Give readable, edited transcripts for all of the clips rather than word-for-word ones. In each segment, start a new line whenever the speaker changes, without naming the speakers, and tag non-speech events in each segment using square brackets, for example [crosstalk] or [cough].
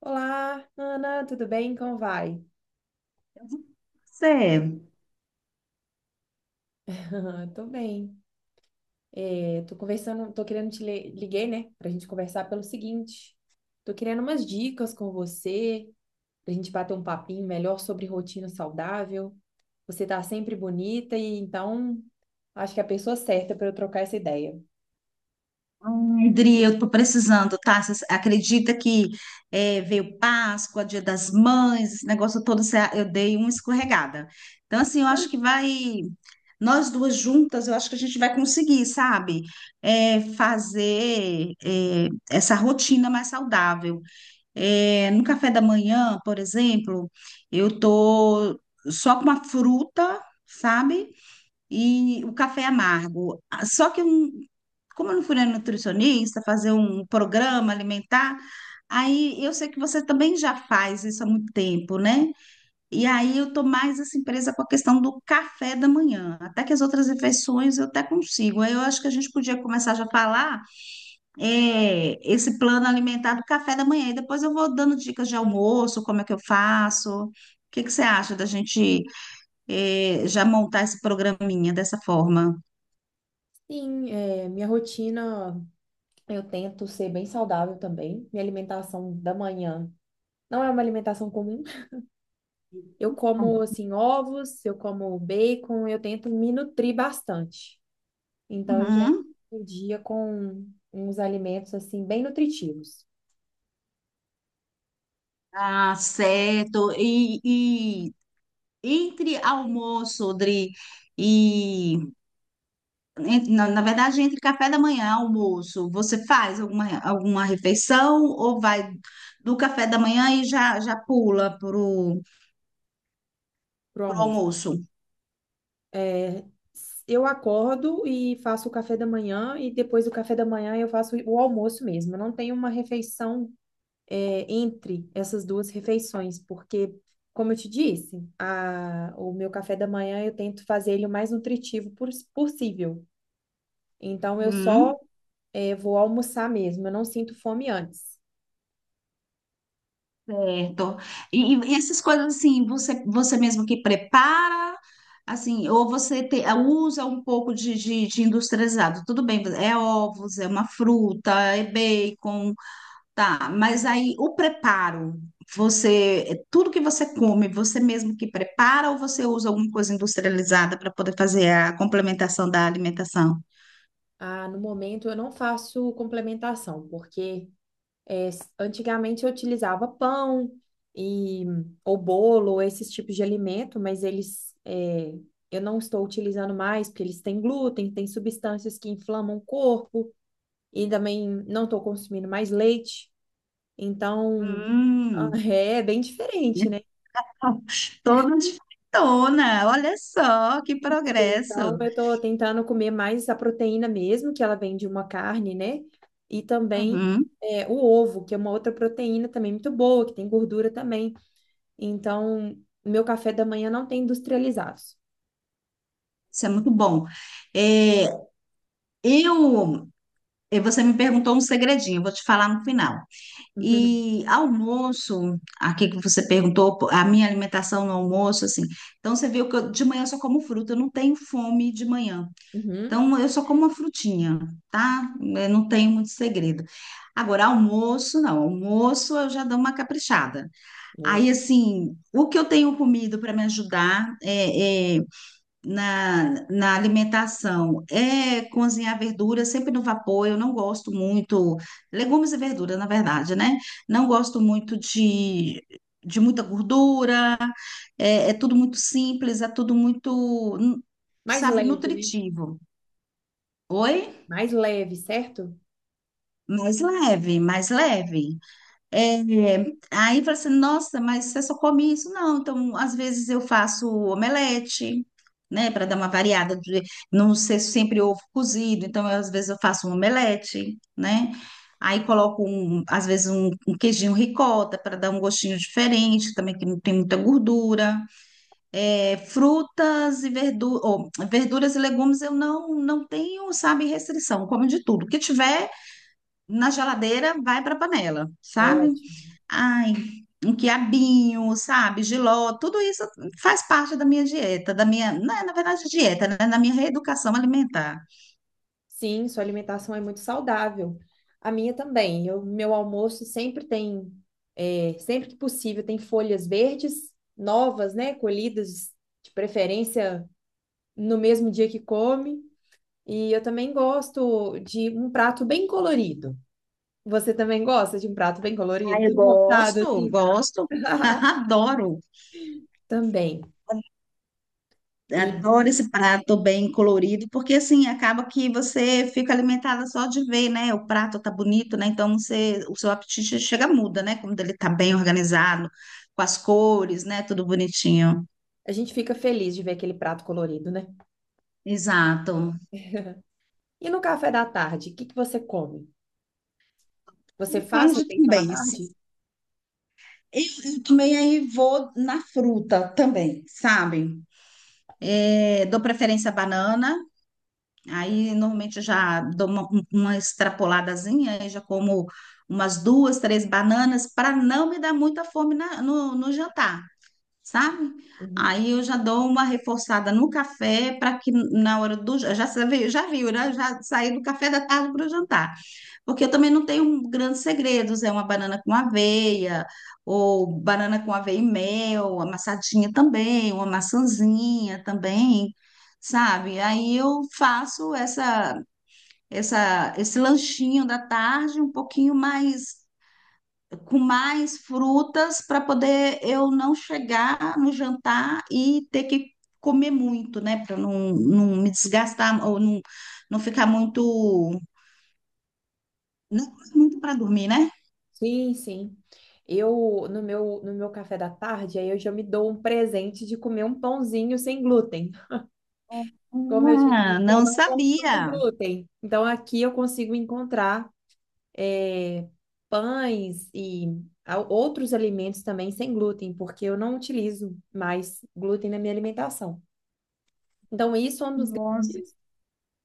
Olá, Ana, tudo bem? Como vai?
Você,
[laughs] Tô bem. É, tô conversando, tô querendo te li- liguei, né, pra gente conversar pelo seguinte. Tô querendo umas dicas com você, pra gente bater um papinho melhor sobre rotina saudável. Você tá sempre bonita e então acho que é a pessoa certa para eu trocar essa ideia.
Adri, eu tô precisando, tá? Você acredita que veio Páscoa, Dia das Mães, esse negócio todo, eu dei uma escorregada. Então, assim, eu acho que vai, nós duas juntas, eu acho que a gente vai conseguir, sabe? Fazer essa rotina mais saudável. É, no café da manhã, por exemplo, eu tô só com uma fruta, sabe? E o café amargo. Ah, só que, eu não- como eu não fui na nutricionista, fazer um programa alimentar, aí eu sei que você também já faz isso há muito tempo, né? E aí eu tô mais assim presa com a questão do café da manhã, até que as outras refeições eu até consigo. Aí eu acho que a gente podia começar já a falar esse plano alimentar do café da manhã, e depois eu vou dando dicas de almoço, como é que eu faço. O que que você acha da gente já montar esse programinha dessa forma?
Sim, é, minha rotina, eu tento ser bem saudável também. Minha alimentação da manhã não é uma alimentação comum. Eu como
Uhum.
assim ovos, eu como bacon, eu tento me nutrir bastante. Então eu já inicio o dia com uns alimentos assim bem nutritivos
Ah, certo. E entre almoço, Odri, e na, na verdade, entre café da manhã e almoço, você faz alguma, alguma refeição ou vai do café da manhã e já, já pula pro,
pro
pro
almoço.
almoço?
É, eu acordo e faço o café da manhã e depois do café da manhã eu faço o almoço mesmo. Eu não tenho uma refeição entre essas duas refeições, porque como eu te disse, o meu café da manhã eu tento fazer ele o mais possível. Então, eu só
Uhum.
vou almoçar mesmo, eu não sinto fome antes.
Certo. E essas coisas assim, você, você mesmo que prepara, assim, ou usa um pouco de industrializado. Tudo bem, é ovos, é uma fruta, é bacon, tá. Mas aí o preparo, você, é tudo que você come, você mesmo que prepara ou você usa alguma coisa industrializada para poder fazer a complementação da alimentação?
Ah, no momento eu não faço complementação, porque antigamente eu utilizava pão e ou bolo, ou esses tipos de alimento, mas eu não estou utilizando mais, porque eles têm glúten, têm substâncias que inflamam o corpo, e também não estou consumindo mais leite, então [laughs] ah,
Hum,
é bem diferente, né?
[laughs] toda diferentona, olha só que
Então,
progresso.
eu tô tentando comer mais a proteína mesmo, que ela vem de uma carne, né? E também
Uhum.
o ovo, que é uma outra proteína também muito boa, que tem gordura também. Então, meu café da manhã não tem industrializados.
Isso é muito bom. É, eu, você me perguntou um segredinho, eu vou te falar no final.
Uhum.
E almoço, aqui que você perguntou, pô, a minha alimentação no almoço, assim. Então você viu que de manhã eu só como fruta, eu não tenho fome de manhã.
Uhum.
Então eu só como uma frutinha, tá? Eu não tenho muito segredo. Agora, almoço, não. Almoço eu já dou uma caprichada.
Boa.
Aí, assim, o que eu tenho comido para me ajudar é na alimentação é cozinhar verdura sempre no vapor. Eu não gosto muito, legumes e verdura, na verdade, né? Não gosto muito de muita gordura, é, é tudo muito simples, é tudo muito,
Mais
sabe,
leve, né?
nutritivo. Oi?
Mais leve, certo?
Mais leve, mais leve. É, aí fala assim, nossa, mas você só come isso? Não, então às vezes eu faço omelete, né, para dar uma variada, de não ser sempre ovo cozido, então às vezes eu faço um omelete, né? Aí coloco, às vezes, um queijinho ricota para dar um gostinho diferente, também que não tem muita gordura. É, frutas e verduras, verduras e legumes eu não, não tenho, sabe, restrição, como de tudo. O que tiver na geladeira, vai para a panela, sabe?
Ótimo.
Ai, um quiabinho, sabe, jiló, tudo isso faz parte da minha dieta, da minha, não é, na verdade, dieta, né, da minha reeducação alimentar.
Sim, sua alimentação é muito saudável. A minha também. Meu almoço sempre tem, é, sempre que possível, tem folhas verdes novas, né? Colhidas, de preferência no mesmo dia que come. E eu também gosto de um prato bem colorido. Você também gosta de um prato bem colorido?
Ai, eu
Montado
gosto,
assim?
gosto,
[laughs]
[laughs] adoro.
Também. E
Adoro esse prato bem colorido, porque assim acaba que você fica alimentada só de ver, né? O prato tá bonito, né? Então você, o seu apetite chega muda, né? Quando ele tá bem organizado, com as cores, né? Tudo bonitinho.
a gente fica feliz de ver aquele prato colorido, né?
Exato.
E no café da tarde, o que que você come? Você faz
Tarde
refeição à
também.
tarde?
Eu também aí vou na fruta também, sabe? É, dou preferência à banana, aí normalmente eu já dou uma extrapoladazinha, aí já como umas duas, três bananas para não me dar muita fome no, no jantar, sabe?
Uhum.
Aí eu já dou uma reforçada no café para que na hora do... Já, já viu, né? Já saí do café da tarde para o jantar. Porque eu também não tenho grandes segredos, é uma banana com aveia, ou banana com aveia e mel, amassadinha também, uma maçãzinha também, sabe? Aí eu faço esse lanchinho da tarde um pouquinho mais, com mais frutas, para poder eu não chegar no jantar e ter que comer muito, né? Para não, não me desgastar ou não, não ficar muito, não muito para dormir, né?
Sim, sim. Eu, no meu, no meu café da tarde, aí eu já me dou um presente de comer um pãozinho sem glúten. Como eu te
Ah,
disse, eu
não
não consumo
sabia.
glúten. Então, aqui eu consigo encontrar eh, pães e outros alimentos também sem glúten, porque eu não utilizo mais glúten na minha alimentação. Então, isso é
Nossa.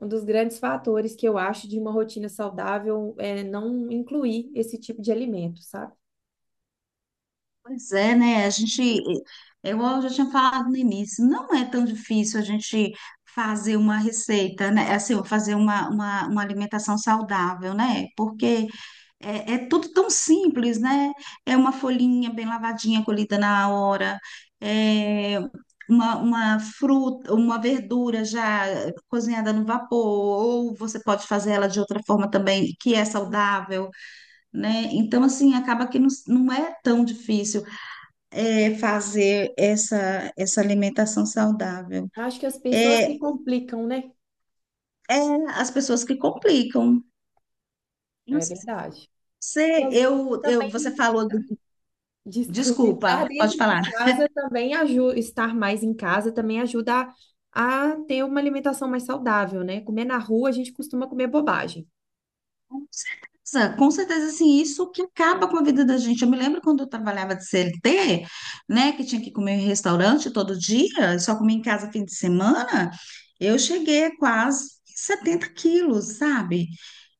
um dos grandes fatores que eu acho de uma rotina saudável é não incluir esse tipo de alimento, sabe?
Pois é, né? A gente, eu já tinha falado no início, não é tão difícil a gente fazer uma receita, né? Assim, fazer uma alimentação saudável, né? Porque é, é tudo tão simples, né? É uma folhinha bem lavadinha, colhida na hora, é uma fruta, uma verdura já cozinhada no vapor, ou você pode fazer ela de outra forma também, que é saudável. Né? Então, assim, acaba que não, não é tão difícil fazer essa alimentação saudável.
Acho que as pessoas que
É,
complicam, né?
é as pessoas que complicam. Não
É
sei se
verdade. E,
você,
e
você
também,
falou do...
[laughs] desculpe,
Desculpa,
estar
pode
dentro de
falar.
casa também ajuda, estar mais em casa também ajuda a ter uma alimentação mais saudável, né? Comer na rua, a gente costuma comer bobagem.
Nossa, com certeza, assim, isso que acaba com a vida da gente. Eu me lembro quando eu trabalhava de CLT, né, que tinha que comer em restaurante todo dia, só comia em casa fim de semana, eu cheguei a quase 70 quilos, sabe?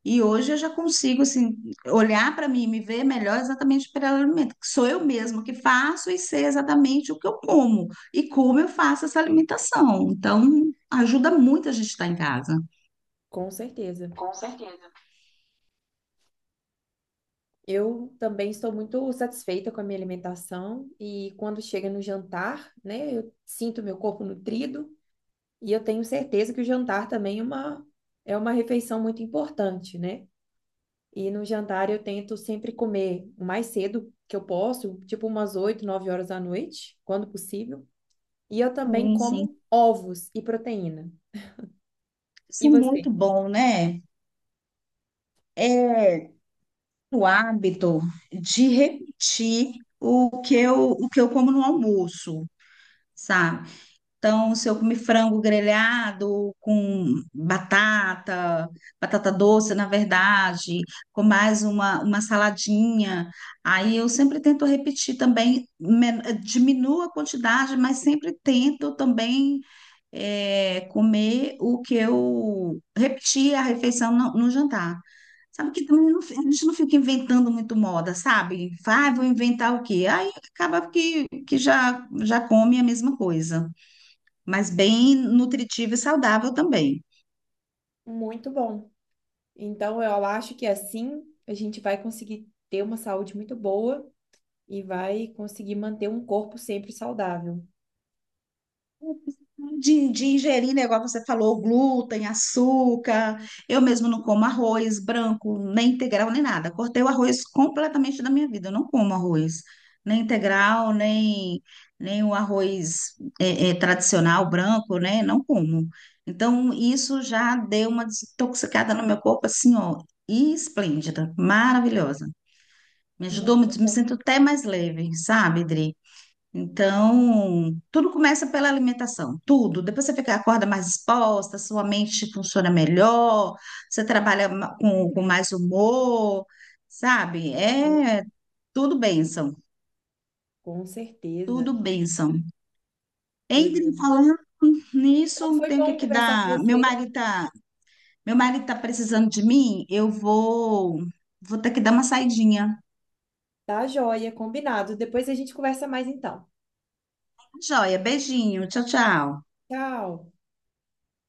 E hoje eu já consigo assim olhar para mim e me ver melhor exatamente pelo alimento, que sou eu mesma que faço e sei exatamente o que eu como e como eu faço essa alimentação. Então, ajuda muito a gente estar em casa.
Com certeza.
Com certeza.
Eu também estou muito satisfeita com a minha alimentação e quando chega no jantar, né, eu sinto meu corpo nutrido e eu tenho certeza que o jantar também é é uma refeição muito importante, né? E no jantar eu tento sempre comer o mais cedo que eu posso, tipo umas 8, 9 horas da noite, quando possível. E eu também
Sim, sim.
como ovos e proteína.
Isso
E
é muito
você?
bom, né? É o hábito de repetir o que eu como no almoço, sabe? Então, se eu comer frango grelhado com batata, batata doce, na verdade, com mais uma saladinha, aí eu sempre tento repetir também, diminuo a quantidade, mas sempre tento também comer o que eu repetir a refeição no, no jantar. Sabe que também a gente não fica inventando muito moda, sabe? Vai, vou inventar o quê? Aí acaba que já, já come a mesma coisa mas bem nutritivo e saudável também.
Muito bom. Então eu acho que assim a gente vai conseguir ter uma saúde muito boa e vai conseguir manter um corpo sempre saudável.
De ingerir, né, igual você falou, glúten, açúcar. Eu mesmo não como arroz branco, nem integral, nem nada. Cortei o arroz completamente da minha vida. Eu não como arroz, nem integral, nem, nem o arroz tradicional branco, né? Não como. Então, isso já deu uma desintoxicada no meu corpo, assim, ó, esplêndida, maravilhosa. Me ajudou
Muito
muito, me sinto até mais leve, sabe, Dri? Então, tudo começa pela alimentação, tudo. Depois você fica, acorda mais disposta, sua mente funciona melhor, você trabalha com mais humor, sabe?
bom,
É tudo bênção,
com certeza.
tudo bênção.
É,
Entre falando
então
nisso,
foi
tem
bom
que
conversar com
dar.
você.
Meu marido tá precisando de mim, eu vou, vou ter que dar uma saidinha.
Tá joia, combinado. Depois a gente conversa mais então.
Joia, beijinho, tchau, tchau.
Tchau.